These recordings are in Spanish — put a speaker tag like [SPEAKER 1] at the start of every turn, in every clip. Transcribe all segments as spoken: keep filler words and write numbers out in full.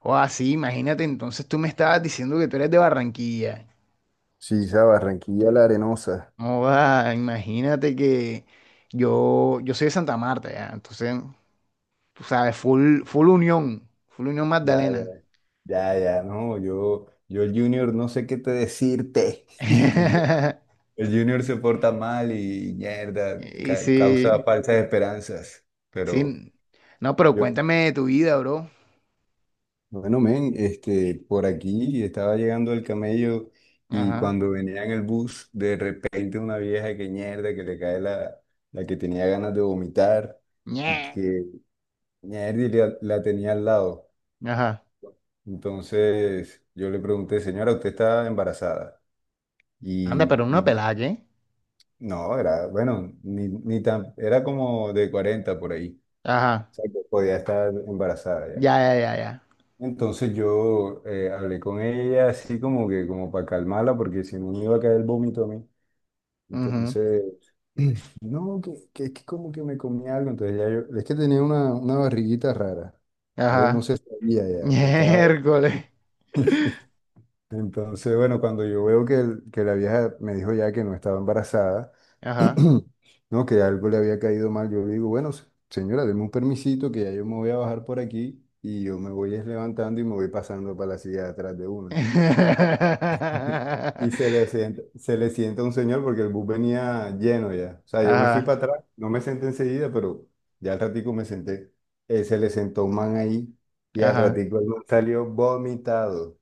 [SPEAKER 1] O así, imagínate, entonces tú me estabas diciendo que tú eres de Barranquilla.
[SPEAKER 2] Sí, esa Barranquilla la Arenosa.
[SPEAKER 1] No va, imagínate que yo, yo soy de Santa Marta, ya. Entonces, tú sabes, full, full unión, full unión
[SPEAKER 2] Ya, ya,
[SPEAKER 1] Magdalena.
[SPEAKER 2] ya, ya, no, yo, yo el Junior no sé qué te decirte. El, ju- el Junior se porta mal y mierda,
[SPEAKER 1] Y
[SPEAKER 2] ca- causa
[SPEAKER 1] sí,
[SPEAKER 2] falsas esperanzas. Pero
[SPEAKER 1] sí. No, pero
[SPEAKER 2] yo,
[SPEAKER 1] cuéntame de tu vida, bro.
[SPEAKER 2] bueno, men, este, por aquí estaba llegando el camello y
[SPEAKER 1] Ajá.
[SPEAKER 2] cuando venía en el bus, de repente una vieja que mierda, que le cae la, la que tenía ganas de vomitar y
[SPEAKER 1] Ñe.
[SPEAKER 2] que mierda y la, la tenía al lado.
[SPEAKER 1] Ajá.
[SPEAKER 2] Entonces yo le pregunté, señora, ¿usted está embarazada?
[SPEAKER 1] Anda, pero
[SPEAKER 2] Y,
[SPEAKER 1] una
[SPEAKER 2] y
[SPEAKER 1] pelada, ¿qué?
[SPEAKER 2] no, era, bueno, ni, ni tan, era como de cuarenta por ahí.
[SPEAKER 1] Ajá.
[SPEAKER 2] O sea, que podía estar embarazada ya.
[SPEAKER 1] Ya, ya, ya, ya.
[SPEAKER 2] Entonces yo eh, hablé con ella así como que como para calmarla porque si no me iba a caer el vómito a mí.
[SPEAKER 1] Ujú.
[SPEAKER 2] Entonces, no, que, que es que como que me comí algo. Entonces ya yo, es que tenía una, una barriguita rara. Entonces no
[SPEAKER 1] Ajá.
[SPEAKER 2] se sabía ya, que estaba...
[SPEAKER 1] Miércoles.
[SPEAKER 2] Entonces, bueno, cuando yo veo que, el- que la vieja me dijo ya que no estaba embarazada,
[SPEAKER 1] Ajá.
[SPEAKER 2] no, que algo le había caído mal, yo le digo, bueno, se- señora, deme un permisito que ya yo me voy a bajar por aquí y yo me voy es levantando y me voy pasando para la silla de atrás de una. Y se le sienta, se le sienta un señor porque el bus venía lleno ya. O sea, yo me fui para
[SPEAKER 1] Ajá,
[SPEAKER 2] atrás, no me senté enseguida, pero ya al ratico me senté. Eh, se le sentó un man ahí y al
[SPEAKER 1] ajá.
[SPEAKER 2] ratico el man salió vomitado.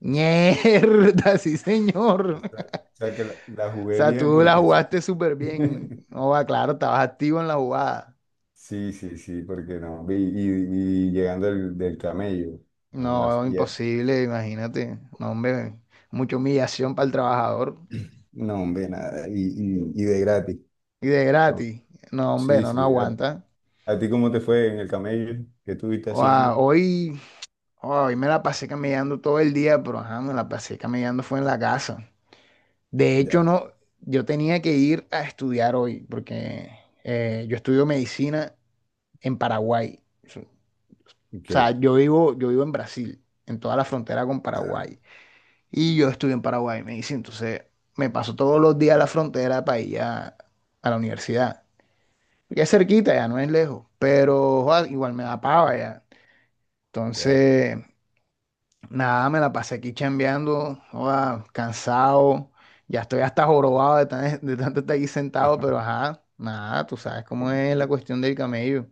[SPEAKER 1] Mierda, sí, señor.
[SPEAKER 2] O sea, o sea que la, la
[SPEAKER 1] O
[SPEAKER 2] jugué
[SPEAKER 1] sea,
[SPEAKER 2] bien
[SPEAKER 1] tú la
[SPEAKER 2] porque sí,
[SPEAKER 1] jugaste súper bien. No va, claro, estabas activo en la jugada.
[SPEAKER 2] sí, sí, sí, porque no. Y, y- y llegando del, del camello, no, así,
[SPEAKER 1] No,
[SPEAKER 2] ya,
[SPEAKER 1] imposible, imagínate. No, hombre, mucha humillación para el trabajador.
[SPEAKER 2] no, hombre, nada, y, y, y de gratis.
[SPEAKER 1] Y de
[SPEAKER 2] Entonces,
[SPEAKER 1] gratis. No, hombre,
[SPEAKER 2] sí,
[SPEAKER 1] no, no
[SPEAKER 2] sí, ¿a, ti
[SPEAKER 1] aguanta.
[SPEAKER 2] ¿a ti cómo te fue en el camello? ¿Qué estuviste
[SPEAKER 1] Oa,
[SPEAKER 2] haciendo?
[SPEAKER 1] hoy, hoy me la pasé caminando todo el día, pero ajá, me la pasé caminando fue en la casa. De hecho,
[SPEAKER 2] Ya,
[SPEAKER 1] no, yo tenía que ir a estudiar hoy, porque eh, yo estudio medicina en Paraguay. O
[SPEAKER 2] ok,
[SPEAKER 1] sea, yo vivo, yo vivo en Brasil, en toda la frontera con
[SPEAKER 2] ajá,
[SPEAKER 1] Paraguay. Y yo estudio en Paraguay, me dice. Entonces, me paso todos los días a la frontera para ir a, a la universidad. Ya es cerquita, ya no es lejos, pero joda, igual me da pava ya.
[SPEAKER 2] ya.
[SPEAKER 1] Entonces, nada, me la pasé aquí chambeando, joda, cansado. Ya estoy hasta jorobado de, tan- de tanto estar aquí sentado, pero
[SPEAKER 2] Ajá.
[SPEAKER 1] ajá, nada, tú sabes cómo es la cuestión del camello.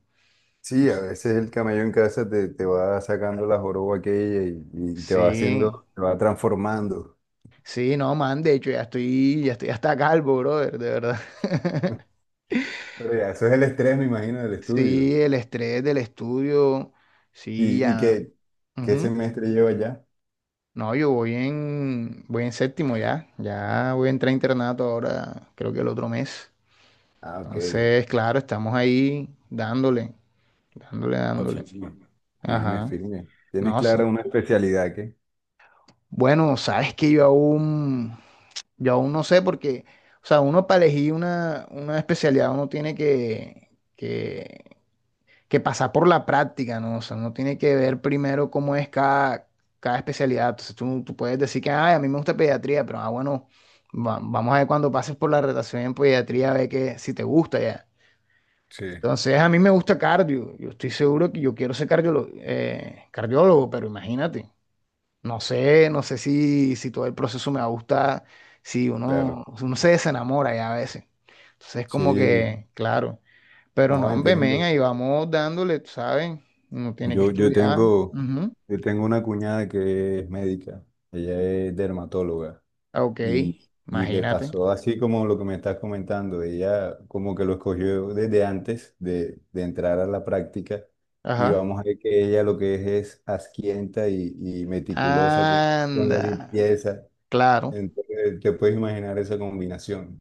[SPEAKER 2] Sí, a
[SPEAKER 1] Sí.
[SPEAKER 2] veces el camello en casa te, te va sacando la joroba aquella y, y te va
[SPEAKER 1] Sí,
[SPEAKER 2] haciendo, te va transformando.
[SPEAKER 1] sí, no, man, de hecho ya estoy, ya estoy hasta calvo, brother, de verdad.
[SPEAKER 2] Pero ya, eso es el estrés, me imagino, del estudio.
[SPEAKER 1] Sí, el estrés del estudio, sí,
[SPEAKER 2] ¿Y, y
[SPEAKER 1] ya.
[SPEAKER 2] qué, Qué
[SPEAKER 1] Ujú.
[SPEAKER 2] semestre lleva ya?
[SPEAKER 1] No, yo voy en, voy en séptimo ya, ya voy a entrar a internato ahora, creo que el otro mes.
[SPEAKER 2] Ah, ok.
[SPEAKER 1] Entonces, claro, estamos ahí dándole, dándole,
[SPEAKER 2] Ah,
[SPEAKER 1] dándole. Sí,
[SPEAKER 2] firme. Firme,
[SPEAKER 1] ajá,
[SPEAKER 2] firme. ¿Tienes
[SPEAKER 1] no, sí.
[SPEAKER 2] clara una especialidad que?
[SPEAKER 1] Bueno, sabes que yo aún, yo aún no sé porque, o sea, uno para elegir una, una especialidad uno tiene que, que que pasar por la práctica, ¿no? O sea, no tiene que ver primero cómo es cada, cada especialidad. Entonces tú, tú puedes decir que, ay, a mí me gusta pediatría, pero ah, bueno, va- vamos a ver cuando pases por la rotación en pediatría, a ver que, si te gusta ya.
[SPEAKER 2] Sí,
[SPEAKER 1] Entonces a mí me gusta cardio. Yo estoy seguro que yo quiero ser cardiólogo, eh, cardiólogo, pero imagínate. No sé, no sé si, si todo el proceso me va a gustar, si
[SPEAKER 2] claro.
[SPEAKER 1] uno, uno se desenamora ya a veces. Entonces es como
[SPEAKER 2] Sí,
[SPEAKER 1] que, claro. Pero
[SPEAKER 2] no
[SPEAKER 1] no, hombre, men,
[SPEAKER 2] entiendo.
[SPEAKER 1] ahí vamos dándole, tú ¿sabes? Uno tiene que
[SPEAKER 2] Yo, yo
[SPEAKER 1] estudiar.
[SPEAKER 2] tengo,
[SPEAKER 1] Ujú.
[SPEAKER 2] yo tengo una cuñada que es médica, ella es dermatóloga
[SPEAKER 1] Ah, OK,
[SPEAKER 2] y, y le
[SPEAKER 1] imagínate.
[SPEAKER 2] pasó así como lo que me estás comentando, ella como que lo escogió desde antes de, de entrar a la práctica y
[SPEAKER 1] Ajá.
[SPEAKER 2] vamos a ver que ella lo que es es asquienta y, y meticulosa con, con la
[SPEAKER 1] Anda,
[SPEAKER 2] limpieza.
[SPEAKER 1] claro.
[SPEAKER 2] Entonces, te puedes imaginar esa combinación.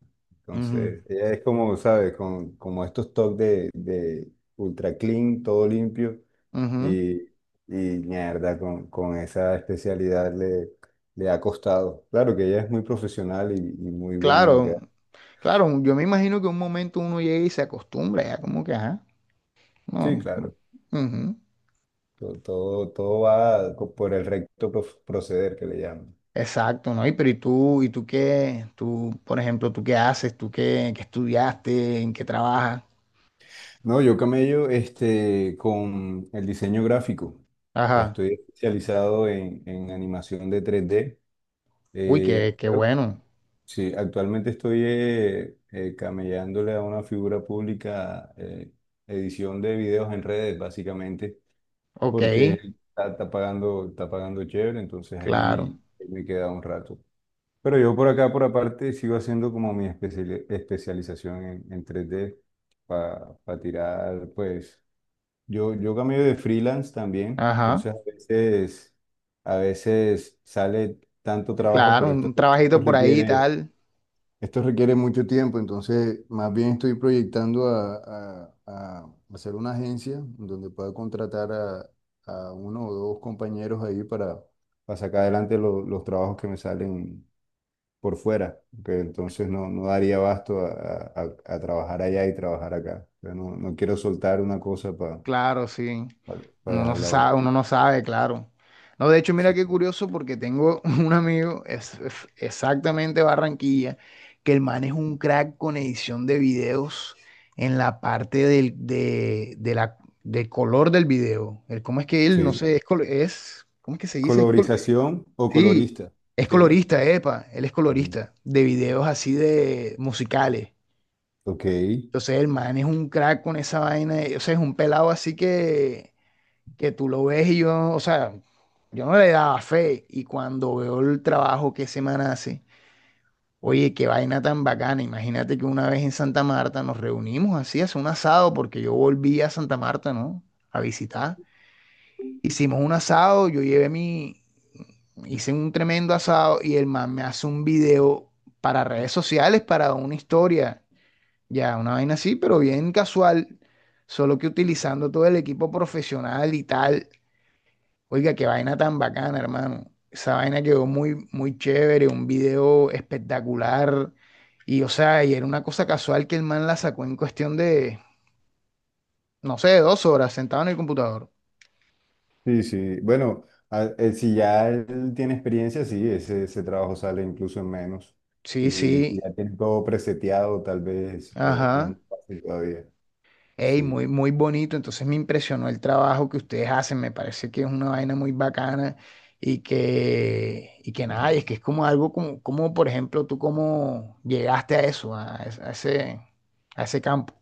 [SPEAKER 1] Ujú,
[SPEAKER 2] Entonces, ella es como, ¿sabes? Con, como estos toques de, de ultra clean, todo limpio.
[SPEAKER 1] ujú.
[SPEAKER 2] Y, y mierda, con, con esa especialidad le, le ha costado. Claro que ella es muy profesional y, y muy buena en lo que
[SPEAKER 1] Claro,
[SPEAKER 2] hace.
[SPEAKER 1] claro, yo me imagino que un momento uno llega y se acostumbra, ya como que, ajá,
[SPEAKER 2] Sí,
[SPEAKER 1] no. No.
[SPEAKER 2] claro.
[SPEAKER 1] Ujú.
[SPEAKER 2] Todo, todo, todo va co- por el recto pro- proceder que le llaman.
[SPEAKER 1] Exacto, ¿no? Y pero ¿y tú, y tú qué? Tú, por ejemplo, ¿tú qué haces? ¿Tú qué, qué estudiaste? ¿En qué trabajas?
[SPEAKER 2] No, yo camello este, con el diseño gráfico.
[SPEAKER 1] Ajá.
[SPEAKER 2] Estoy especializado en, en animación de tres d.
[SPEAKER 1] Uy, qué,
[SPEAKER 2] Eh,
[SPEAKER 1] qué
[SPEAKER 2] pero
[SPEAKER 1] bueno.
[SPEAKER 2] sí, actualmente estoy eh, eh, camellándole a una figura pública, eh, edición de videos en redes, básicamente,
[SPEAKER 1] OK,
[SPEAKER 2] porque está, está pagando, está pagando chévere, entonces
[SPEAKER 1] claro.
[SPEAKER 2] ahí me queda un rato. Pero yo por acá, por aparte, sigo haciendo como mi especiali- especialización en, en tres d para tirar, pues, yo, yo cambio de freelance también,
[SPEAKER 1] Ajá.
[SPEAKER 2] entonces a veces, a veces sale tanto trabajo,
[SPEAKER 1] Claro,
[SPEAKER 2] pero esto,
[SPEAKER 1] un
[SPEAKER 2] esto
[SPEAKER 1] trabajito por ahí y
[SPEAKER 2] requiere
[SPEAKER 1] tal.
[SPEAKER 2] esto requiere mucho tiempo, entonces más bien estoy proyectando a, a- a hacer una agencia donde pueda contratar a, a uno o dos compañeros ahí para, para sacar adelante lo- los trabajos que me salen por fuera, que entonces no, no daría abasto a, a- a trabajar allá y trabajar acá. O sea, no, no quiero soltar una cosa para
[SPEAKER 1] Claro, sí. Uno no
[SPEAKER 2] dejar
[SPEAKER 1] se
[SPEAKER 2] la otra.
[SPEAKER 1] sabe, uno no sabe, claro. No, de hecho, mira
[SPEAKER 2] Sí.
[SPEAKER 1] qué curioso porque tengo un amigo, es, es exactamente Barranquilla, que el man es un crack con edición de videos en la parte del, de, de la, del color del video. El, ¿cómo es que él? No
[SPEAKER 2] Sí.
[SPEAKER 1] sé, es, col- es, ¿cómo es que se dice? Es col-
[SPEAKER 2] Colorización o
[SPEAKER 1] sí,
[SPEAKER 2] colorista.
[SPEAKER 1] es
[SPEAKER 2] Sí.
[SPEAKER 1] colorista, epa, él es
[SPEAKER 2] Ujú.
[SPEAKER 1] colorista de videos así de musicales.
[SPEAKER 2] Ok.
[SPEAKER 1] Entonces el man es un crack con esa vaina, y, o sea, es un pelado así que, que tú lo ves y yo, o sea, yo no le daba fe y cuando veo el trabajo que ese man hace, oye, qué vaina tan bacana, imagínate que una vez en Santa Marta nos reunimos así, hace un asado, porque yo volví a Santa Marta, ¿no? A visitar. Hicimos un asado, yo llevé mi, hice un tremendo asado y el man me hace un video para redes sociales, para una historia. Ya, una vaina así, pero bien casual, solo que utilizando todo el equipo profesional y tal. Oiga, qué vaina tan bacana, hermano. Esa vaina quedó muy, muy chévere, un video espectacular. Y, o sea, y era una cosa casual que el man la sacó en cuestión de, no sé, dos horas sentado en el computador.
[SPEAKER 2] Sí, sí. Bueno, a- eh, si ya él tiene experiencia, sí, ese, ese trabajo sale incluso en menos.
[SPEAKER 1] Sí,
[SPEAKER 2] Y si
[SPEAKER 1] sí,
[SPEAKER 2] ya tiene todo preseteado, tal vez eh, es más
[SPEAKER 1] ajá.
[SPEAKER 2] fácil todavía.
[SPEAKER 1] Ey,
[SPEAKER 2] Sí.
[SPEAKER 1] muy, muy bonito. Entonces me impresionó el trabajo que ustedes hacen. Me parece que es una vaina muy bacana y que, y que nada, y es que es como algo como, como, por ejemplo, tú cómo llegaste a eso, a, es- a ese, a ese campo.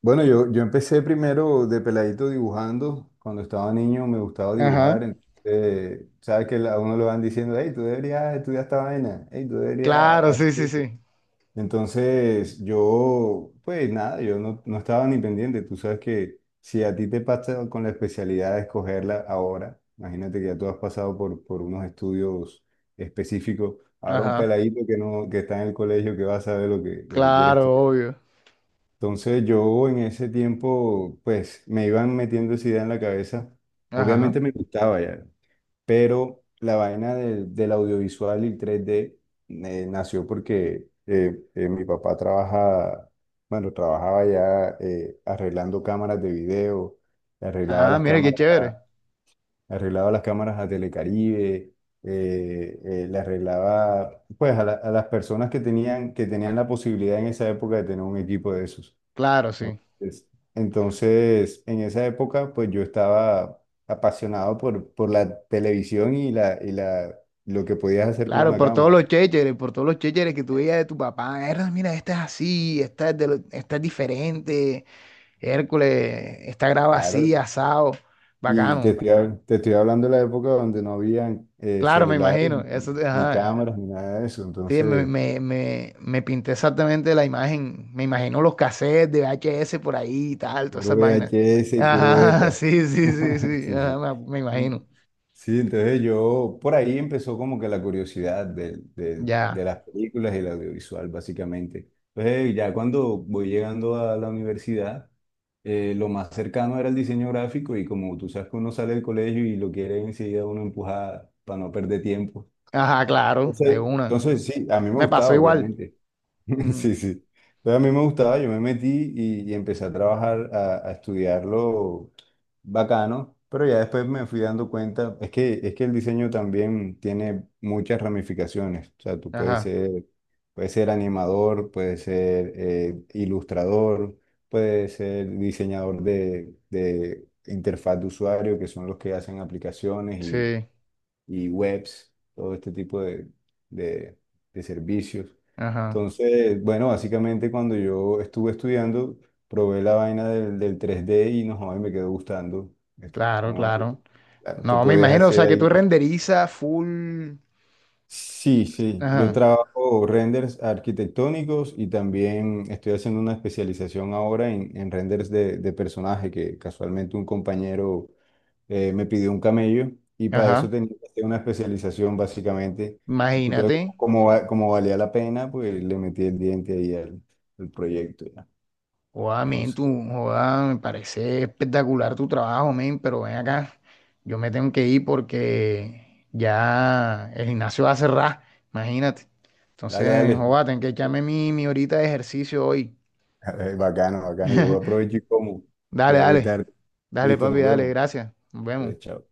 [SPEAKER 2] Bueno, yo, yo empecé primero de peladito dibujando. Cuando estaba niño me gustaba dibujar.
[SPEAKER 1] Ajá.
[SPEAKER 2] Entonces, sabes que a uno le van diciendo, hey, tú deberías estudiar esta vaina. Hey, tú deberías
[SPEAKER 1] Claro, sí, sí,
[SPEAKER 2] hacer...
[SPEAKER 1] sí.
[SPEAKER 2] Entonces, yo, pues nada, yo no, no estaba ni pendiente. Tú sabes que si a ti te pasa con la especialidad de escogerla ahora, imagínate que ya tú has pasado por, por unos estudios específicos. Ahora un
[SPEAKER 1] Ajá.
[SPEAKER 2] peladito que no, que está en el colegio que va a saber lo que, lo que quiere
[SPEAKER 1] Claro,
[SPEAKER 2] estudiar.
[SPEAKER 1] obvio.
[SPEAKER 2] Entonces, yo en ese tiempo, pues me iban metiendo esa idea en la cabeza.
[SPEAKER 1] Ajá.
[SPEAKER 2] Obviamente me gustaba ya pero la vaina del del audiovisual y el tres D eh, nació porque eh, eh, mi papá trabaja, bueno, trabajaba ya eh, arreglando cámaras de video, arreglaba
[SPEAKER 1] Ah,
[SPEAKER 2] las
[SPEAKER 1] mire qué
[SPEAKER 2] cámaras
[SPEAKER 1] chévere.
[SPEAKER 2] a, arreglaba las cámaras a Telecaribe, eh, eh, le arreglaba pues a, la- a las personas que tenían, que tenían la posibilidad en esa época de tener un equipo de esos.
[SPEAKER 1] Claro, sí.
[SPEAKER 2] Entonces, entonces, en esa época, pues yo estaba apasionado por, por la televisión y, la, y la, lo que podías hacer con
[SPEAKER 1] Claro,
[SPEAKER 2] una
[SPEAKER 1] por todos
[SPEAKER 2] cámara.
[SPEAKER 1] los chécheres, por todos los chécheres que tú
[SPEAKER 2] Eh,
[SPEAKER 1] veías de tu papá. "Erda, mira, esta es así, esta es, de lo- esta es diferente. Hércules, esta grava
[SPEAKER 2] Claro,
[SPEAKER 1] así, asado,
[SPEAKER 2] y te
[SPEAKER 1] bacano.
[SPEAKER 2] estoy, hab- te estoy hablando de la época donde no habían eh,
[SPEAKER 1] Claro, me
[SPEAKER 2] celulares,
[SPEAKER 1] imagino.
[SPEAKER 2] ni,
[SPEAKER 1] Eso,
[SPEAKER 2] ni
[SPEAKER 1] ajá.
[SPEAKER 2] cámaras, ni nada de eso.
[SPEAKER 1] Sí, me,
[SPEAKER 2] Entonces,
[SPEAKER 1] me, me, me pinté exactamente la imagen. Me imagino los cassettes de V H S por ahí y tal, todas
[SPEAKER 2] puro
[SPEAKER 1] esas vainas.
[SPEAKER 2] V H S y puro
[SPEAKER 1] Ajá,
[SPEAKER 2] beta.
[SPEAKER 1] sí, sí, sí, sí.
[SPEAKER 2] Sí, sí.
[SPEAKER 1] Ajá, me, me imagino.
[SPEAKER 2] Sí, entonces yo, por ahí empezó como que la curiosidad de, de- de
[SPEAKER 1] Ya.
[SPEAKER 2] las películas y el audiovisual, básicamente. Entonces ya cuando voy llegando a la universidad, eh, lo más cercano era el diseño gráfico y como tú sabes que uno sale del colegio y lo quiere enseguida uno empujar para no perder tiempo.
[SPEAKER 1] Ajá, claro, de
[SPEAKER 2] Entonces,
[SPEAKER 1] una.
[SPEAKER 2] entonces sí, a mí me
[SPEAKER 1] Me pasó
[SPEAKER 2] gustaba,
[SPEAKER 1] igual.
[SPEAKER 2] obviamente.
[SPEAKER 1] Mm,
[SPEAKER 2] Sí, sí. Entonces a mí me gustaba, yo me metí y, y empecé a trabajar, a, a estudiarlo bacano, pero ya después me fui dando cuenta, es que, es que el diseño también tiene muchas ramificaciones, o sea, tú puedes
[SPEAKER 1] ajá,
[SPEAKER 2] ser, puedes ser animador, puedes ser eh, ilustrador, puedes ser diseñador de, de interfaz de usuario, que son los que hacen aplicaciones
[SPEAKER 1] sí.
[SPEAKER 2] y webs, todo este tipo de, de, de servicios.
[SPEAKER 1] Ajá,
[SPEAKER 2] Entonces, bueno, básicamente cuando yo estuve estudiando, probé la vaina del, del tres d y no, joder, me quedó gustando. Es
[SPEAKER 1] claro,
[SPEAKER 2] como,
[SPEAKER 1] claro.
[SPEAKER 2] ah, tú
[SPEAKER 1] No, me
[SPEAKER 2] podías
[SPEAKER 1] imagino, o
[SPEAKER 2] hacer
[SPEAKER 1] sea, que
[SPEAKER 2] ahí.
[SPEAKER 1] tú renderizas full.
[SPEAKER 2] Sí, sí, yo
[SPEAKER 1] Ajá,
[SPEAKER 2] trabajo renders arquitectónicos y también estoy haciendo una especialización ahora en, en renders de, de personaje, que casualmente un compañero eh, me pidió un camello y para eso
[SPEAKER 1] ajá.
[SPEAKER 2] tenía que hacer una especialización básicamente. Entonces, como,
[SPEAKER 1] Imagínate.
[SPEAKER 2] como va- como valía la pena, pues le metí el diente ahí al, al proyecto ya.
[SPEAKER 1] Joda, men, tú,
[SPEAKER 2] Entonces,
[SPEAKER 1] joda, me parece espectacular tu trabajo, men, pero ven acá, yo me tengo que ir porque ya el gimnasio va a cerrar, imagínate.
[SPEAKER 2] dale,
[SPEAKER 1] Entonces,
[SPEAKER 2] dale.
[SPEAKER 1] joda, tengo que echarme mi, mi horita de ejercicio hoy.
[SPEAKER 2] Eh, Bacano, bacano, yo voy a aprovechar y como, que
[SPEAKER 1] Dale,
[SPEAKER 2] ya voy
[SPEAKER 1] dale,
[SPEAKER 2] tarde.
[SPEAKER 1] dale,
[SPEAKER 2] Listo,
[SPEAKER 1] papi,
[SPEAKER 2] nos
[SPEAKER 1] dale,
[SPEAKER 2] vemos.
[SPEAKER 1] gracias. Nos vemos.
[SPEAKER 2] Dale, chao.